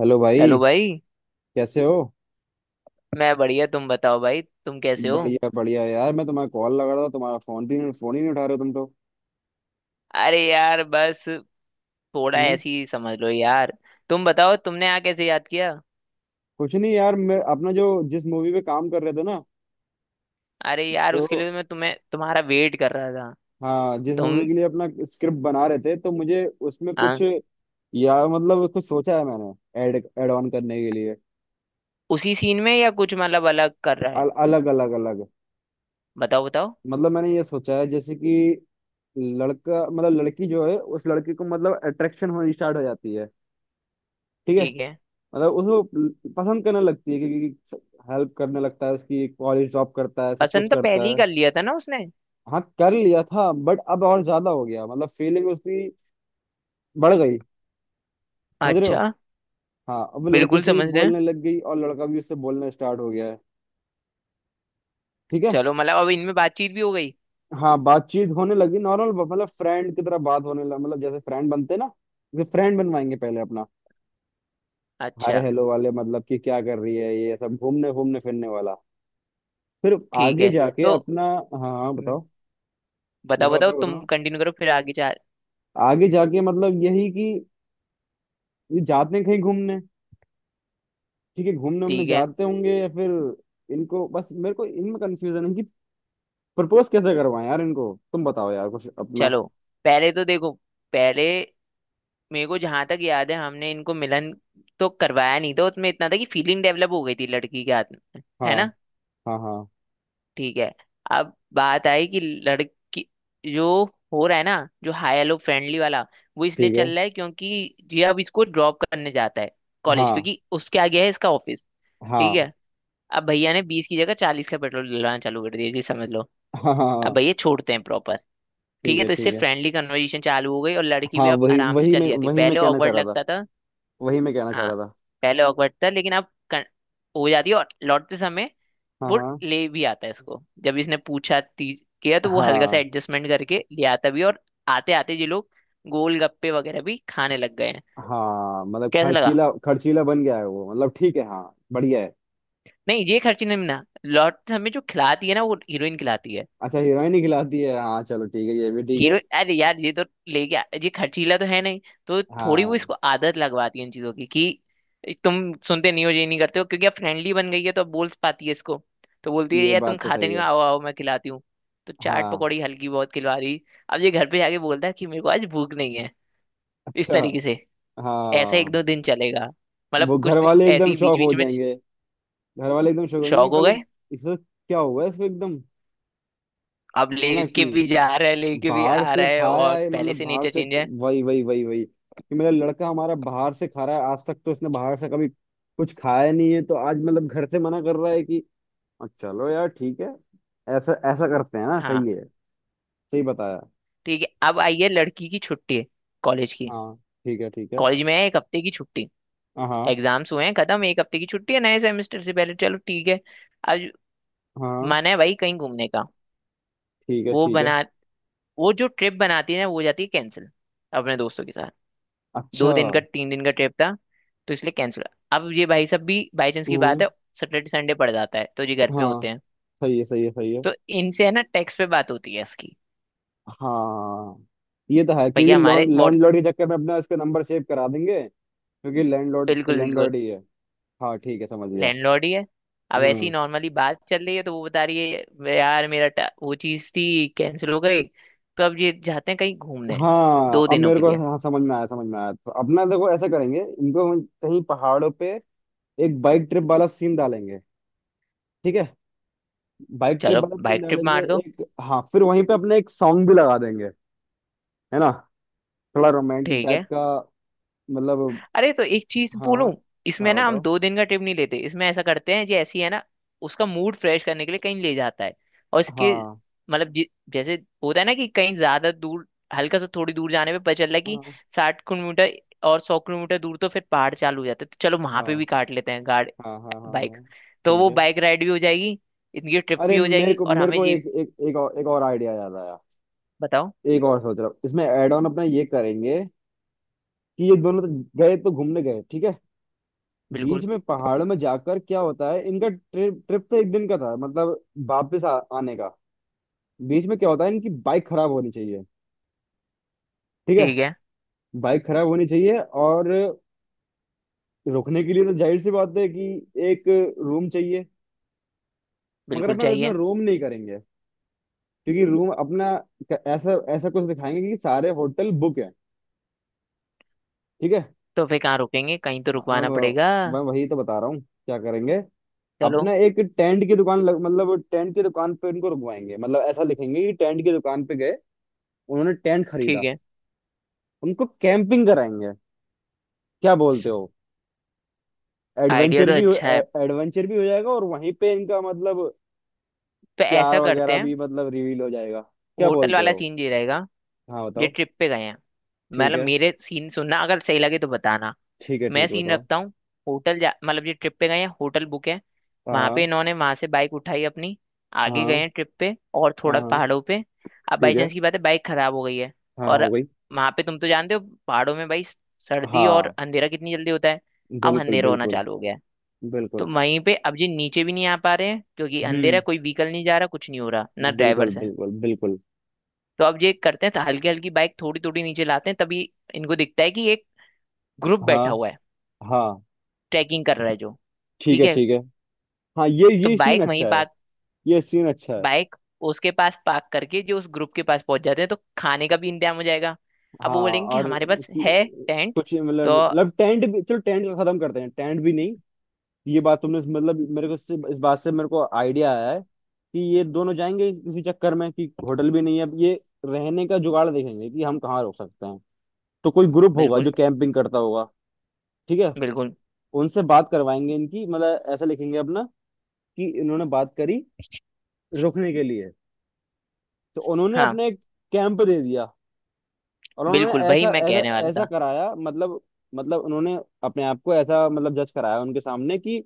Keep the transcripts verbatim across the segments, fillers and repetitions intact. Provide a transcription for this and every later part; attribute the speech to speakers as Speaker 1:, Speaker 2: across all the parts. Speaker 1: Hello भाई।
Speaker 2: Hello भाई।
Speaker 1: कैसे हो?
Speaker 2: मैं बढ़िया, तुम बताओ भाई तुम कैसे हो।
Speaker 1: बढ़िया बढ़िया यार। मैं तुम्हारा कॉल लगा रहा था। तुम्हारा फोन भी नहीं फोन ही नहीं उठा रहे हो तुम तो।
Speaker 2: अरे यार बस थोड़ा
Speaker 1: हम्म।
Speaker 2: ऐसी ही समझ लो यार। तुम बताओ तुमने आ कैसे याद किया।
Speaker 1: कुछ नहीं यार, मैं अपना जो जिस मूवी पे काम कर रहे थे ना,
Speaker 2: अरे यार
Speaker 1: तो
Speaker 2: उसके लिए तो मैं तुम्हें तुम्हारा वेट कर रहा था।
Speaker 1: हाँ, जिस
Speaker 2: तुम
Speaker 1: मूवी के लिए अपना स्क्रिप्ट बना रहे थे तो मुझे उसमें
Speaker 2: आ,
Speaker 1: कुछ, यार मतलब कुछ सोचा है मैंने ऐड ऐड ऑन करने के लिए।
Speaker 2: उसी सीन में या कुछ मतलब अलग कर रहा है।
Speaker 1: अल, अलग अलग अलग।
Speaker 2: बताओ बताओ।
Speaker 1: मतलब मैंने ये सोचा है जैसे कि लड़का, मतलब लड़की जो है उस लड़के को, मतलब अट्रैक्शन होनी स्टार्ट हो जाती है। ठीक है।
Speaker 2: ठीक है।
Speaker 1: मतलब उसको पसंद करने लगती है, क्योंकि हेल्प करने लगता है उसकी, कॉलेज ड्रॉप करता है, सब कुछ
Speaker 2: पसंद तो पहले
Speaker 1: करता
Speaker 2: ही
Speaker 1: है।
Speaker 2: कर लिया था ना उसने।
Speaker 1: हाँ, कर लिया था बट अब और ज्यादा हो गया, मतलब फीलिंग उसकी बढ़ गई। समझ रहे हो?
Speaker 2: अच्छा।
Speaker 1: हाँ, अब वो लड़के
Speaker 2: बिल्कुल
Speaker 1: से भी
Speaker 2: समझ रहे हैं।
Speaker 1: बोलने लग गई और लड़का भी उससे बोलना स्टार्ट हो गया है। ठीक है।
Speaker 2: चलो मतलब अब इनमें बातचीत भी हो गई।
Speaker 1: हाँ, बातचीत होने लगी नॉर्मल, मतलब फ्रेंड की तरह बात होने लगी, मतलब जैसे फ्रेंड बनते ना, जैसे फ्रेंड बनवाएंगे पहले अपना, हाय
Speaker 2: अच्छा।
Speaker 1: हेलो वाले, मतलब कि क्या कर रही है, ये सब घूमने घूमने फिरने वाला। फिर
Speaker 2: ठीक
Speaker 1: आगे
Speaker 2: है।
Speaker 1: जाके
Speaker 2: तो
Speaker 1: अपना हाँ हाँ,
Speaker 2: हम्म,
Speaker 1: बताओ
Speaker 2: बताओ
Speaker 1: बताओ
Speaker 2: बताओ
Speaker 1: बताओ
Speaker 2: तुम
Speaker 1: बताओ।
Speaker 2: कंटिन्यू करो फिर आगे चाल।
Speaker 1: आगे जाके मतलब यही कि ये जाते हैं कहीं घूमने। ठीक है, घूमने हमने
Speaker 2: ठीक है।
Speaker 1: जाते होंगे, या फिर इनको, बस मेरे को इनमें कंफ्यूजन है कि प्रपोज कैसे करवाएं। यार इनको तुम बताओ, यार कुछ अपना।
Speaker 2: चलो पहले तो देखो, पहले मेरे को जहां तक याद है हमने इनको मिलन तो करवाया नहीं था, उसमें इतना था कि फीलिंग डेवलप हो गई थी लड़की के हाथ में।
Speaker 1: हाँ
Speaker 2: है ना।
Speaker 1: हाँ हाँ।
Speaker 2: ठीक है। अब बात आई कि लड़की, जो हो रहा है ना, जो हाई हेलो फ्रेंडली वाला, वो इसलिए
Speaker 1: ठीक है।
Speaker 2: चल रहा है क्योंकि ये अब इसको ड्रॉप करने जाता है कॉलेज,
Speaker 1: हाँ
Speaker 2: क्योंकि उसके आगे है इसका ऑफिस। ठीक
Speaker 1: हाँ
Speaker 2: है। अब भैया ने बीस की जगह चालीस का पेट्रोल डलवाना चालू कर दिया जी, समझ लो।
Speaker 1: हाँ हाँ
Speaker 2: अब
Speaker 1: हाँ,
Speaker 2: भैया छोड़ते हैं प्रॉपर। ठीक
Speaker 1: ठीक
Speaker 2: है,
Speaker 1: है
Speaker 2: तो इससे
Speaker 1: ठीक है।
Speaker 2: फ्रेंडली कन्वर्सेशन चालू हो गई और लड़की
Speaker 1: हाँ,
Speaker 2: भी अब
Speaker 1: वही
Speaker 2: आराम से
Speaker 1: वही
Speaker 2: चली
Speaker 1: मैं
Speaker 2: जाती है,
Speaker 1: वही मैं
Speaker 2: पहले
Speaker 1: कहना चाह
Speaker 2: ऑकवर्ड
Speaker 1: रहा था।
Speaker 2: लगता था।
Speaker 1: वही मैं कहना चाह
Speaker 2: हाँ
Speaker 1: रहा था।
Speaker 2: पहले ऑकवर्ड था लेकिन अब कन- हो जाती है और लौटते समय
Speaker 1: हाँ
Speaker 2: वो
Speaker 1: हाँ
Speaker 2: ले भी आता है इसको। जब इसने पूछा ती- किया तो वो हल्का सा
Speaker 1: हाँ
Speaker 2: एडजस्टमेंट करके ले आता भी है, और आते आते ये लोग गोलगप्पे वगैरह भी खाने लग गए हैं।
Speaker 1: हाँ। मतलब
Speaker 2: कैसा लगा।
Speaker 1: खर्चीला खर्चीला बन गया है वो, मतलब ठीक है, हाँ बढ़िया है।
Speaker 2: नहीं ये खर्ची नहीं ना, लौटते समय जो खिलाती है ना वो हीरोइन खिलाती है।
Speaker 1: अच्छा, हीरोइन ही खिलाती है, हाँ चलो ठीक है, ये भी ठीक है।
Speaker 2: हीरो अरे यार ये तो ले गया, ये खर्चीला तो है नहीं। तो थोड़ी वो
Speaker 1: हाँ,
Speaker 2: इसको आदत लगवाती है इन चीजों की, कि तुम सुनते नहीं हो, ये नहीं करते हो, क्योंकि अब फ्रेंडली बन गई है तो अब बोल पाती है इसको। तो बोलती है
Speaker 1: ये
Speaker 2: यार तुम
Speaker 1: बात तो
Speaker 2: खाते
Speaker 1: सही
Speaker 2: नहीं
Speaker 1: है।
Speaker 2: हो, आओ आओ मैं खिलाती हूँ। तो चाट
Speaker 1: हाँ।
Speaker 2: पकौड़ी हल्की बहुत खिलवा दी। अब ये घर पे जाके बोलता है कि मेरे को आज भूख नहीं है, इस
Speaker 1: अच्छा।
Speaker 2: तरीके से। ऐसा एक
Speaker 1: हाँ।
Speaker 2: दो दिन चलेगा, मतलब
Speaker 1: वो
Speaker 2: कुछ
Speaker 1: घर
Speaker 2: दि-
Speaker 1: वाले
Speaker 2: ऐसे
Speaker 1: एकदम
Speaker 2: ही बीच
Speaker 1: शौक हो
Speaker 2: बीच में।
Speaker 1: जाएंगे, घर वाले एकदम शौक होंगे
Speaker 2: शौक
Speaker 1: कि
Speaker 2: हो
Speaker 1: पहले
Speaker 2: गए।
Speaker 1: इसको क्या हुआ है, इसको एकदम,
Speaker 2: अब
Speaker 1: है ना,
Speaker 2: लेके
Speaker 1: कि
Speaker 2: भी जा रहा है, लेके भी
Speaker 1: बाहर
Speaker 2: आ
Speaker 1: से
Speaker 2: रहा है
Speaker 1: खाया
Speaker 2: और
Speaker 1: है,
Speaker 2: पहले
Speaker 1: मतलब
Speaker 2: से
Speaker 1: बाहर
Speaker 2: नेचर
Speaker 1: से।
Speaker 2: चेंज है।
Speaker 1: वही वही वही वही कि मेरा लड़का हमारा बाहर से खा रहा है, आज तक तो इसने बाहर से कभी कुछ खाया नहीं है, तो आज मतलब घर से मना कर रहा है कि "अ, चलो यार ठीक है, ऐसा ऐसा करते हैं ना,
Speaker 2: हाँ
Speaker 1: सही है। सही बताया।
Speaker 2: ठीक है। अब आई है लड़की की छुट्टी, कॉलेज की।
Speaker 1: हाँ ठीक है ठीक है।
Speaker 2: कॉलेज में है एक हफ्ते की छुट्टी,
Speaker 1: हाँ हाँ
Speaker 2: एग्जाम्स हुए हैं खत्म, एक हफ्ते की छुट्टी है नए सेमेस्टर से पहले। चलो ठीक है। अब
Speaker 1: हाँ,
Speaker 2: मन है भाई कहीं घूमने का।
Speaker 1: ठीक है
Speaker 2: वो
Speaker 1: ठीक है।
Speaker 2: बना, वो जो ट्रिप बनाती है ना वो हो जाती है कैंसिल, अपने दोस्तों के साथ।
Speaker 1: अच्छा।
Speaker 2: दो दिन का तीन दिन का ट्रिप था, तो इसलिए कैंसिल। अब ये भाई सब भी बाई चांस की बात
Speaker 1: हम्म।
Speaker 2: है। सैटरडे संडे पड़ जाता है तो ये घर पे
Speaker 1: हाँ,
Speaker 2: होते हैं।
Speaker 1: सही है सही है सही है।
Speaker 2: तो इनसे है ना टेक्स्ट पे बात होती है इसकी।
Speaker 1: हाँ, ये तो है क्योंकि
Speaker 2: भैया हमारे व्हाट
Speaker 1: लैंडलॉर्ड के चक्कर में अपना इसका नंबर सेव करा देंगे, क्योंकि लैंडलॉर्ड तो
Speaker 2: बिल्कुल
Speaker 1: लैंडलॉर्ड
Speaker 2: बिल्कुल।
Speaker 1: ही है। हाँ ठीक है, समझ गया।
Speaker 2: लैंडलॉर्ड ही है। अब ऐसी
Speaker 1: हम्म।
Speaker 2: नॉर्मली बात चल रही है तो वो बता रही है, "वे यार मेरा टा- वो चीज थी कैंसिल हो गई।" तो अब ये जाते हैं कहीं घूमने,
Speaker 1: हाँ,
Speaker 2: दो
Speaker 1: अब
Speaker 2: दिनों
Speaker 1: मेरे
Speaker 2: के
Speaker 1: को
Speaker 2: लिए
Speaker 1: हाँ, समझ में आया समझ में आया। तो अपना देखो ऐसा करेंगे, इनको हम कहीं पहाड़ों पे एक बाइक ट्रिप वाला सीन डालेंगे। ठीक है, बाइक ट्रिप
Speaker 2: चलो
Speaker 1: वाला सीन
Speaker 2: बाइक ट्रिप
Speaker 1: डालेंगे
Speaker 2: मार दो।
Speaker 1: एक, हाँ फिर वहीं पे अपने एक सॉन्ग भी लगा देंगे। है ना, थोड़ा रोमांटिक
Speaker 2: ठीक
Speaker 1: टाइप
Speaker 2: है।
Speaker 1: का। मतलब,
Speaker 2: अरे तो एक चीज
Speaker 1: हाँ
Speaker 2: बोलूं, इसमें
Speaker 1: हाँ
Speaker 2: ना हम
Speaker 1: बताओ।
Speaker 2: दो दिन का ट्रिप नहीं लेते, इसमें ऐसा करते हैं, जो ऐसी है ना उसका मूड फ्रेश करने के लिए कहीं ले जाता है। और इसके
Speaker 1: हाँ
Speaker 2: मतलब जि- जैसे होता है ना कि कहीं ज्यादा दूर, हल्का सा थोड़ी दूर जाने पे पता चल रहा है कि
Speaker 1: हाँ
Speaker 2: साठ किलोमीटर और सौ किलोमीटर दूर तो फिर पहाड़ चालू हो जाते हैं, तो चलो वहां पे भी
Speaker 1: हाँ
Speaker 2: काट लेते हैं गाड़
Speaker 1: हाँ हाँ हाँ
Speaker 2: बाइक।
Speaker 1: हाँ,
Speaker 2: तो
Speaker 1: ठीक
Speaker 2: वो
Speaker 1: है।
Speaker 2: बाइक राइड भी हो जाएगी, इनकी ट्रिप
Speaker 1: अरे
Speaker 2: भी हो
Speaker 1: मेरे
Speaker 2: जाएगी
Speaker 1: को,
Speaker 2: और
Speaker 1: मेरे
Speaker 2: हमें
Speaker 1: को
Speaker 2: ये।
Speaker 1: एक एक एक और, एक और आइडिया याद आया।
Speaker 2: बताओ।
Speaker 1: एक और सोच रहा हूँ, इसमें एड ऑन अपना ये करेंगे कि ये दोनों तो गए तो घूमने गए, ठीक है, बीच
Speaker 2: बिल्कुल।
Speaker 1: में पहाड़ों में जाकर क्या होता है, इनका ट्रिप, ट्रिप तो एक दिन का था मतलब, वापस आ, आने का। बीच में क्या होता है, इनकी बाइक खराब होनी चाहिए। ठीक है,
Speaker 2: ठीक है।
Speaker 1: बाइक खराब होनी चाहिए, और रुकने के लिए तो जाहिर सी बात है कि एक रूम चाहिए, मगर
Speaker 2: बिल्कुल
Speaker 1: अपना इसमें
Speaker 2: चाहिए।
Speaker 1: रूम नहीं करेंगे, क्योंकि रूम अपना ऐसा ऐसा कुछ दिखाएंगे कि सारे होटल बुक। ठीक है।
Speaker 2: तो फिर कहाँ रुकेंगे, कहीं तो रुकवाना
Speaker 1: मैं
Speaker 2: पड़ेगा।
Speaker 1: मैं वही तो बता रहा हूँ क्या करेंगे।
Speaker 2: चलो।
Speaker 1: अपना एक टेंट की दुकान लग, मतलब टेंट की दुकान पे उनको रुकवाएंगे, मतलब ऐसा लिखेंगे कि टेंट की दुकान पे गए, उन्होंने टेंट
Speaker 2: ठीक
Speaker 1: खरीदा,
Speaker 2: है।
Speaker 1: उनको कैंपिंग कराएंगे। क्या बोलते हो?
Speaker 2: आइडिया
Speaker 1: एडवेंचर
Speaker 2: तो
Speaker 1: भी हो-
Speaker 2: अच्छा
Speaker 1: ए-
Speaker 2: है,
Speaker 1: एडवेंचर भी हो जाएगा, और वहीं पे इनका मतलब
Speaker 2: तो
Speaker 1: प्यार
Speaker 2: ऐसा करते
Speaker 1: वगैरह
Speaker 2: हैं।
Speaker 1: भी मतलब रिवील हो जाएगा। क्या
Speaker 2: होटल
Speaker 1: बोलते
Speaker 2: वाला
Speaker 1: हो?
Speaker 2: सीन ये रहेगा,
Speaker 1: हाँ
Speaker 2: जो
Speaker 1: बताओ।
Speaker 2: ट्रिप पे गए हैं।
Speaker 1: ठीक
Speaker 2: मतलब
Speaker 1: है
Speaker 2: मेरे सीन सुनना, अगर सही लगे तो बताना।
Speaker 1: ठीक है,
Speaker 2: मैं
Speaker 1: ठीक है
Speaker 2: सीन
Speaker 1: बताओ।
Speaker 2: रखता हूँ। होटल जा मतलब जो ट्रिप पे गए हैं होटल बुक है। वहां पे
Speaker 1: हाँ
Speaker 2: इन्होंने, वहां से बाइक उठाई अपनी, आगे गए
Speaker 1: हाँ
Speaker 2: हैं ट्रिप पे और
Speaker 1: हाँ
Speaker 2: थोड़ा
Speaker 1: हाँ,
Speaker 2: पहाड़ों पे। अब बाई
Speaker 1: ठीक है।
Speaker 2: चांस की बात है बाइक खराब हो गई है।
Speaker 1: हाँ
Speaker 2: और
Speaker 1: हो गई।
Speaker 2: वहां पे तुम तो जानते हो पहाड़ों में भाई सर्दी और
Speaker 1: हाँ।
Speaker 2: अंधेरा कितनी जल्दी होता है। अब
Speaker 1: बिल्कुल
Speaker 2: अंधेरा होना
Speaker 1: बिल्कुल
Speaker 2: चालू हो गया है,
Speaker 1: बिल्कुल।
Speaker 2: तो वहीं पे अब ये नीचे भी नहीं आ पा रहे हैं क्योंकि अंधेरा है,
Speaker 1: हम्म।
Speaker 2: कोई व्हीकल नहीं जा रहा, कुछ नहीं हो रहा ना,
Speaker 1: बिल्कुल
Speaker 2: ड्राइवर्स हैं।
Speaker 1: बिल्कुल बिल्कुल।
Speaker 2: तो अब ये करते हैं, तो हल्की हल्की बाइक थोड़ी थोड़ी नीचे लाते हैं, तभी इनको दिखता है कि एक ग्रुप
Speaker 1: हाँ
Speaker 2: बैठा हुआ है,
Speaker 1: हाँ।
Speaker 2: ट्रैकिंग कर रहा है जो।
Speaker 1: ठीक
Speaker 2: ठीक
Speaker 1: है
Speaker 2: है।
Speaker 1: ठीक है। हाँ, ये
Speaker 2: तो
Speaker 1: ये सीन
Speaker 2: बाइक वहीं
Speaker 1: अच्छा है,
Speaker 2: पार्क,
Speaker 1: ये सीन अच्छा है।
Speaker 2: बाइक उसके पास पार्क करके जो उस ग्रुप के पास पहुंच जाते हैं, तो खाने का भी इंतजाम हो जाएगा। अब
Speaker 1: हाँ।
Speaker 2: वो बोलेंगे कि
Speaker 1: और
Speaker 2: हमारे पास है
Speaker 1: कि-
Speaker 2: टेंट।
Speaker 1: कुछ मतलब
Speaker 2: तो
Speaker 1: मतलब टेंट भी, चलो टेंट का खत्म करते हैं, टेंट भी नहीं। ये बात तुमने, मतलब मेरे को इससे, इस बात से मेरे को आइडिया आया है कि ये दोनों जाएंगे इसी चक्कर में कि होटल भी नहीं है, अब ये रहने का जुगाड़ देखेंगे कि हम कहाँ रुक सकते हैं, तो कोई ग्रुप होगा
Speaker 2: बिल्कुल
Speaker 1: जो कैंपिंग करता होगा। ठीक है।
Speaker 2: बिल्कुल।
Speaker 1: उनसे बात करवाएंगे इनकी, मतलब ऐसा लिखेंगे अपना कि इन्होंने बात करी रुकने के लिए, तो उन्होंने
Speaker 2: हाँ
Speaker 1: अपने एक कैंप दे दिया और उन्होंने
Speaker 2: बिल्कुल वही
Speaker 1: ऐसा
Speaker 2: मैं
Speaker 1: ऐसा
Speaker 2: कहने वाला
Speaker 1: ऐसा
Speaker 2: था।
Speaker 1: कराया, मतलब मतलब उन्होंने अपने आप को ऐसा मतलब जज कराया उनके सामने कि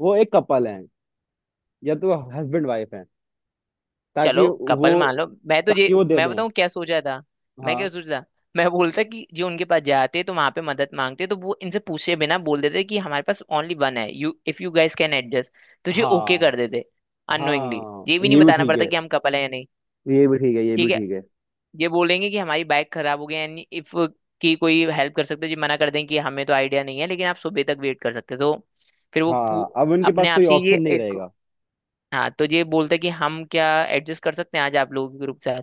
Speaker 1: वो एक कपल हैं, या तो हस्बैंड वाइफ हैं,
Speaker 2: चलो
Speaker 1: ताकि वो
Speaker 2: कपल मान लो, मैं तो
Speaker 1: ताकि
Speaker 2: ये
Speaker 1: वो दे
Speaker 2: मैं
Speaker 1: दें।
Speaker 2: बताऊँ क्या सोचा था। मैं क्या
Speaker 1: हाँ
Speaker 2: सोचा था। मैं बोलता कि जो उनके पास जाते तो वहां पे मदद मांगते, तो वो इनसे पूछे बिना बोल देते कि हमारे पास ओनली वन है, you if you guys can adjust. तो ये ओके
Speaker 1: हाँ
Speaker 2: कर देते, अननोइंगली ये
Speaker 1: हाँ,
Speaker 2: भी नहीं
Speaker 1: ये भी
Speaker 2: बताना
Speaker 1: ठीक
Speaker 2: पड़ता
Speaker 1: है,
Speaker 2: कि हम कपल है या नहीं।
Speaker 1: ये भी ठीक है, ये भी
Speaker 2: ठीक है।
Speaker 1: ठीक है।
Speaker 2: ये बोलेंगे कि हमारी बाइक खराब हो गई है, इफ की कोई हेल्प कर सकते हो। ये मना कर दें कि हमें तो आइडिया नहीं है, लेकिन आप सुबह तक वेट कर सकते हो तो। फिर वो पू-
Speaker 1: हाँ, अब उनके
Speaker 2: अपने
Speaker 1: पास
Speaker 2: आप
Speaker 1: कोई
Speaker 2: से ये
Speaker 1: ऑप्शन नहीं
Speaker 2: एक,
Speaker 1: रहेगा।
Speaker 2: हाँ तो ये बोलते कि हम क्या एडजस्ट कर सकते हैं आज आप लोगों के ग्रुप से,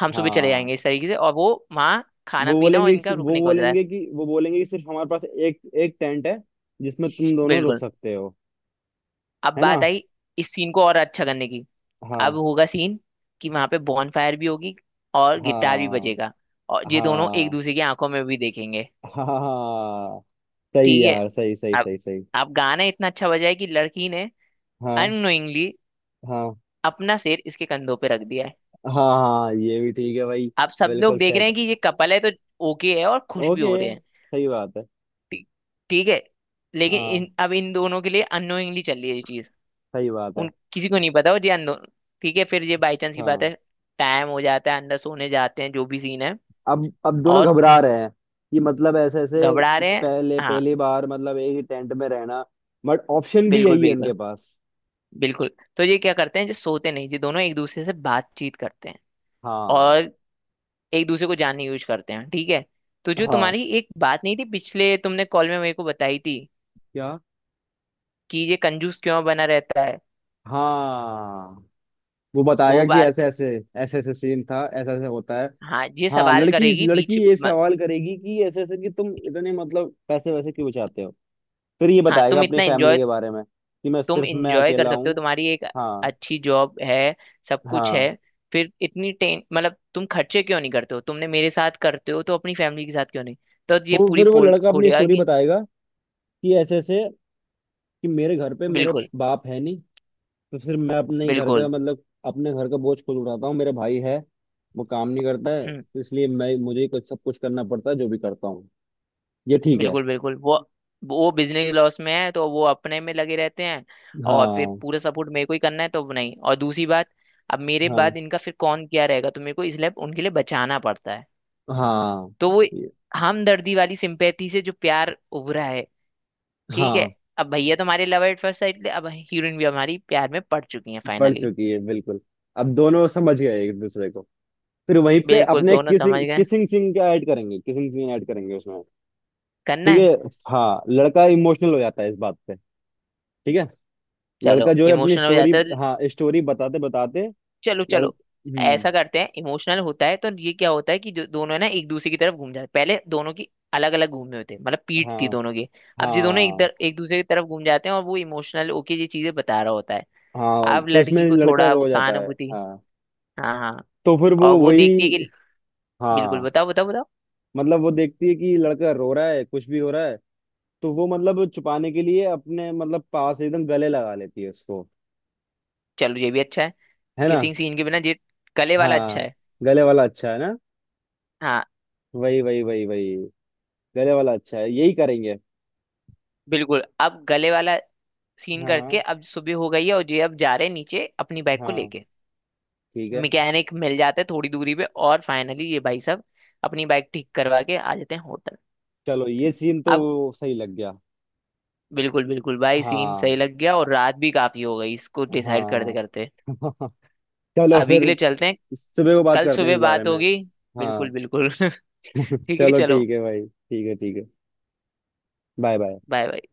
Speaker 2: हम सुबह चले
Speaker 1: हाँ,
Speaker 2: जाएंगे, इस तरीके से। और वो वहाँ खाना
Speaker 1: वो
Speaker 2: पीना और
Speaker 1: बोलेंगे
Speaker 2: इनका
Speaker 1: वो
Speaker 2: रुकने का हो जाता है।
Speaker 1: बोलेंगे कि वो बोलेंगे कि सिर्फ हमारे पास एक एक टेंट है जिसमें तुम दोनों रुक
Speaker 2: बिल्कुल।
Speaker 1: सकते हो।
Speaker 2: अब
Speaker 1: है ना?
Speaker 2: बात आई इस सीन को और अच्छा करने की। अब
Speaker 1: हाँ
Speaker 2: होगा सीन कि वहाँ पे बॉन फायर भी होगी और गिटार भी
Speaker 1: हाँ
Speaker 2: बजेगा, और ये दोनों एक
Speaker 1: हाँ
Speaker 2: दूसरे की आंखों में भी देखेंगे।
Speaker 1: हाँ हाँ, हाँ, हाँ। सही
Speaker 2: ठीक है।
Speaker 1: यार, सही सही
Speaker 2: अब
Speaker 1: सही सही।
Speaker 2: अब गाना इतना अच्छा बजा है कि लड़की ने
Speaker 1: हाँ
Speaker 2: अननोइंगली
Speaker 1: हाँ
Speaker 2: अपना सिर इसके कंधों पे रख दिया है।
Speaker 1: हाँ, हाँ ये भी ठीक है भाई।
Speaker 2: अब सब लोग
Speaker 1: बिल्कुल
Speaker 2: देख रहे
Speaker 1: सेट।
Speaker 2: हैं कि ये कपल है, तो ओके है और खुश भी
Speaker 1: ओके।
Speaker 2: हो रहे हैं।
Speaker 1: सही बात है।
Speaker 2: ठीक। ठीक है। लेकिन
Speaker 1: हाँ,
Speaker 2: इन अब इन दोनों के लिए अननोइंगली चल रही है ये चीज,
Speaker 1: सही बात है।
Speaker 2: उन किसी को नहीं पता, वो जी अननोन। ठीक है। फिर ये बाई चांस की बात
Speaker 1: हाँ,
Speaker 2: है, टाइम हो जाता है अंदर सोने जाते हैं, जो भी सीन है।
Speaker 1: अब अब दोनों
Speaker 2: और
Speaker 1: घबरा रहे हैं कि, मतलब ऐसे ऐसे
Speaker 2: घबरा रहे हैं।
Speaker 1: पहले,
Speaker 2: हाँ
Speaker 1: पहली बार मतलब एक ही टेंट में रहना, बट ऑप्शन भी
Speaker 2: बिल्कुल
Speaker 1: यही है उनके
Speaker 2: बिल्कुल
Speaker 1: पास।
Speaker 2: बिल्कुल। तो ये क्या करते हैं, जो सोते नहीं ये दोनों एक दूसरे से बातचीत करते हैं,
Speaker 1: हाँ
Speaker 2: और एक दूसरे को जानने की कोशिश करते हैं। ठीक है। तो जो
Speaker 1: हाँ।
Speaker 2: तुम्हारी एक बात नहीं थी पिछले तुमने कॉल में मेरे को बताई थी
Speaker 1: क्या?
Speaker 2: कि ये कंजूस क्यों बना रहता है,
Speaker 1: हाँ, वो बताएगा
Speaker 2: वो
Speaker 1: कि ऐसे
Speaker 2: बात।
Speaker 1: ऐसे ऐसे ऐसे सीन था, ऐसा ऐसे होता है।
Speaker 2: हाँ ये
Speaker 1: हाँ,
Speaker 2: सवाल
Speaker 1: लड़की
Speaker 2: करेगी बीच
Speaker 1: लड़की ये
Speaker 2: म-
Speaker 1: सवाल करेगी कि ऐसे ऐसे कि तुम इतने मतलब पैसे वैसे क्यों बचाते हो। फिर ये
Speaker 2: हाँ,
Speaker 1: बताएगा
Speaker 2: तुम
Speaker 1: अपनी
Speaker 2: इतना
Speaker 1: फैमिली
Speaker 2: एंजॉय,
Speaker 1: के बारे में कि मैं
Speaker 2: तुम
Speaker 1: सिर्फ, मैं
Speaker 2: इंजॉय कर
Speaker 1: अकेला
Speaker 2: सकते हो,
Speaker 1: हूँ।
Speaker 2: तुम्हारी एक
Speaker 1: हाँ
Speaker 2: अच्छी जॉब है, सब कुछ है,
Speaker 1: हाँ।
Speaker 2: फिर इतनी टें मतलब तुम खर्चे क्यों नहीं करते हो, तुमने मेरे साथ करते हो तो अपनी फैमिली के साथ क्यों नहीं। तो ये
Speaker 1: तो
Speaker 2: पूरी
Speaker 1: फिर वो
Speaker 2: पोल
Speaker 1: लड़का अपनी
Speaker 2: खोलेगा
Speaker 1: स्टोरी
Speaker 2: कि
Speaker 1: बताएगा कि ऐसे ऐसे, कि मेरे घर पे मेरे
Speaker 2: बिल्कुल
Speaker 1: बाप है नहीं, तो फिर मैं अपने ही घर का,
Speaker 2: बिल्कुल।
Speaker 1: मतलब अपने घर का बोझ खुद उठाता हूँ, मेरा भाई है वो काम नहीं करता है,
Speaker 2: हम्म।
Speaker 1: तो इसलिए मैं, मुझे ही कुछ सब कुछ करना पड़ता है, जो भी करता हूँ। ये ठीक है।
Speaker 2: बिल्कुल बिल्कुल। वो वो बिजनेस लॉस में है तो वो अपने में लगे रहते हैं, और फिर
Speaker 1: हाँ
Speaker 2: पूरा सपोर्ट मेरे को ही करना है तो, नहीं और दूसरी बात अब मेरे
Speaker 1: हाँ
Speaker 2: बाद इनका फिर कौन क्या रहेगा, तो मेरे को इसलिए उनके लिए बचाना पड़ता है।
Speaker 1: हाँ।
Speaker 2: तो वो
Speaker 1: ये-
Speaker 2: हमदर्दी वाली सिंपैथी से जो प्यार उभरा है। ठीक है।
Speaker 1: हाँ,
Speaker 2: अब भैया तो हमारे लव एट फर्स्ट साइड थे, अब हीरोइन भी हमारी प्यार में पड़ चुकी है
Speaker 1: बढ़
Speaker 2: फाइनली।
Speaker 1: चुकी है बिल्कुल। अब दोनों समझ गए एक दूसरे को। फिर वहीं पे
Speaker 2: बिल्कुल
Speaker 1: अपने
Speaker 2: दोनों समझ
Speaker 1: किसिंग
Speaker 2: गए।
Speaker 1: किसिंग सीन का ऐड करेंगे, किसिंग सीन ऐड करेंगे उसमें।
Speaker 2: करना
Speaker 1: ठीक है।
Speaker 2: है।
Speaker 1: हाँ, लड़का इमोशनल हो जाता है इस बात पे। ठीक है,
Speaker 2: चलो
Speaker 1: लड़का जो है अपनी
Speaker 2: इमोशनल हो
Speaker 1: स्टोरी,
Speaker 2: जाता है।
Speaker 1: हाँ स्टोरी बताते बताते,
Speaker 2: चलो
Speaker 1: लड़
Speaker 2: चलो।
Speaker 1: हम्म।
Speaker 2: ऐसा करते हैं, इमोशनल होता है तो ये क्या होता है कि जो दोनों है ना एक दूसरे की तरफ घूम जाते हैं। पहले दोनों की अलग अलग घूमे होते हैं, मतलब पीठ थी
Speaker 1: हाँ
Speaker 2: दोनों की। अब जो दोनों एक
Speaker 1: हाँ
Speaker 2: दर, एक दूसरे की तरफ घूम जाते हैं और वो इमोशनल होके ये चीजें बता रहा होता है।
Speaker 1: हाँ,
Speaker 2: अब
Speaker 1: तो इसमें
Speaker 2: लड़की को
Speaker 1: लड़का
Speaker 2: थोड़ा वो
Speaker 1: रो जाता है।
Speaker 2: सहानुभूति।
Speaker 1: हाँ,
Speaker 2: हाँ हाँ।
Speaker 1: तो फिर वो
Speaker 2: और वो
Speaker 1: वही।
Speaker 2: देखती है कि। बिल्कुल
Speaker 1: हाँ,
Speaker 2: बताओ बताओ बताओ।
Speaker 1: मतलब वो देखती है कि लड़का रो रहा है कुछ भी हो रहा है, तो वो मतलब छुपाने के लिए अपने, मतलब पास एकदम गले लगा लेती है उसको।
Speaker 2: चलो ये भी अच्छा है,
Speaker 1: है ना?
Speaker 2: किसिंग सीन के बिना ये, गले वाला अच्छा
Speaker 1: हाँ,
Speaker 2: है।
Speaker 1: गले वाला अच्छा है ना।
Speaker 2: हाँ।
Speaker 1: वही वही वही वही, गले वाला अच्छा है, यही करेंगे।
Speaker 2: बिल्कुल। अब गले वाला सीन
Speaker 1: हाँ
Speaker 2: करके अब सुबह हो गई है और ये अब जा रहे हैं नीचे अपनी बाइक को
Speaker 1: हाँ,
Speaker 2: लेके।
Speaker 1: ठीक है।
Speaker 2: मैकेनिक मिल जाते हैं थोड़ी दूरी पे और फाइनली ये भाई साहब अपनी बाइक ठीक करवा के आ जाते हैं होटल।
Speaker 1: चलो, ये सीन तो
Speaker 2: अब
Speaker 1: सही लग गया।
Speaker 2: बिल्कुल बिल्कुल भाई सीन
Speaker 1: हाँ
Speaker 2: सही लग गया, और रात भी काफी हो गई इसको डिसाइड करते
Speaker 1: हाँ।
Speaker 2: करते।
Speaker 1: चलो
Speaker 2: अभी
Speaker 1: फिर,
Speaker 2: के लिए चलते हैं,
Speaker 1: सुबह को बात
Speaker 2: कल
Speaker 1: करते हैं
Speaker 2: सुबह
Speaker 1: इस बारे
Speaker 2: बात
Speaker 1: में।
Speaker 2: होगी।
Speaker 1: हाँ।
Speaker 2: बिल्कुल बिल्कुल। ठीक है
Speaker 1: चलो
Speaker 2: चलो।
Speaker 1: ठीक है भाई, ठीक है ठीक है। Bye bye.
Speaker 2: Bye bye.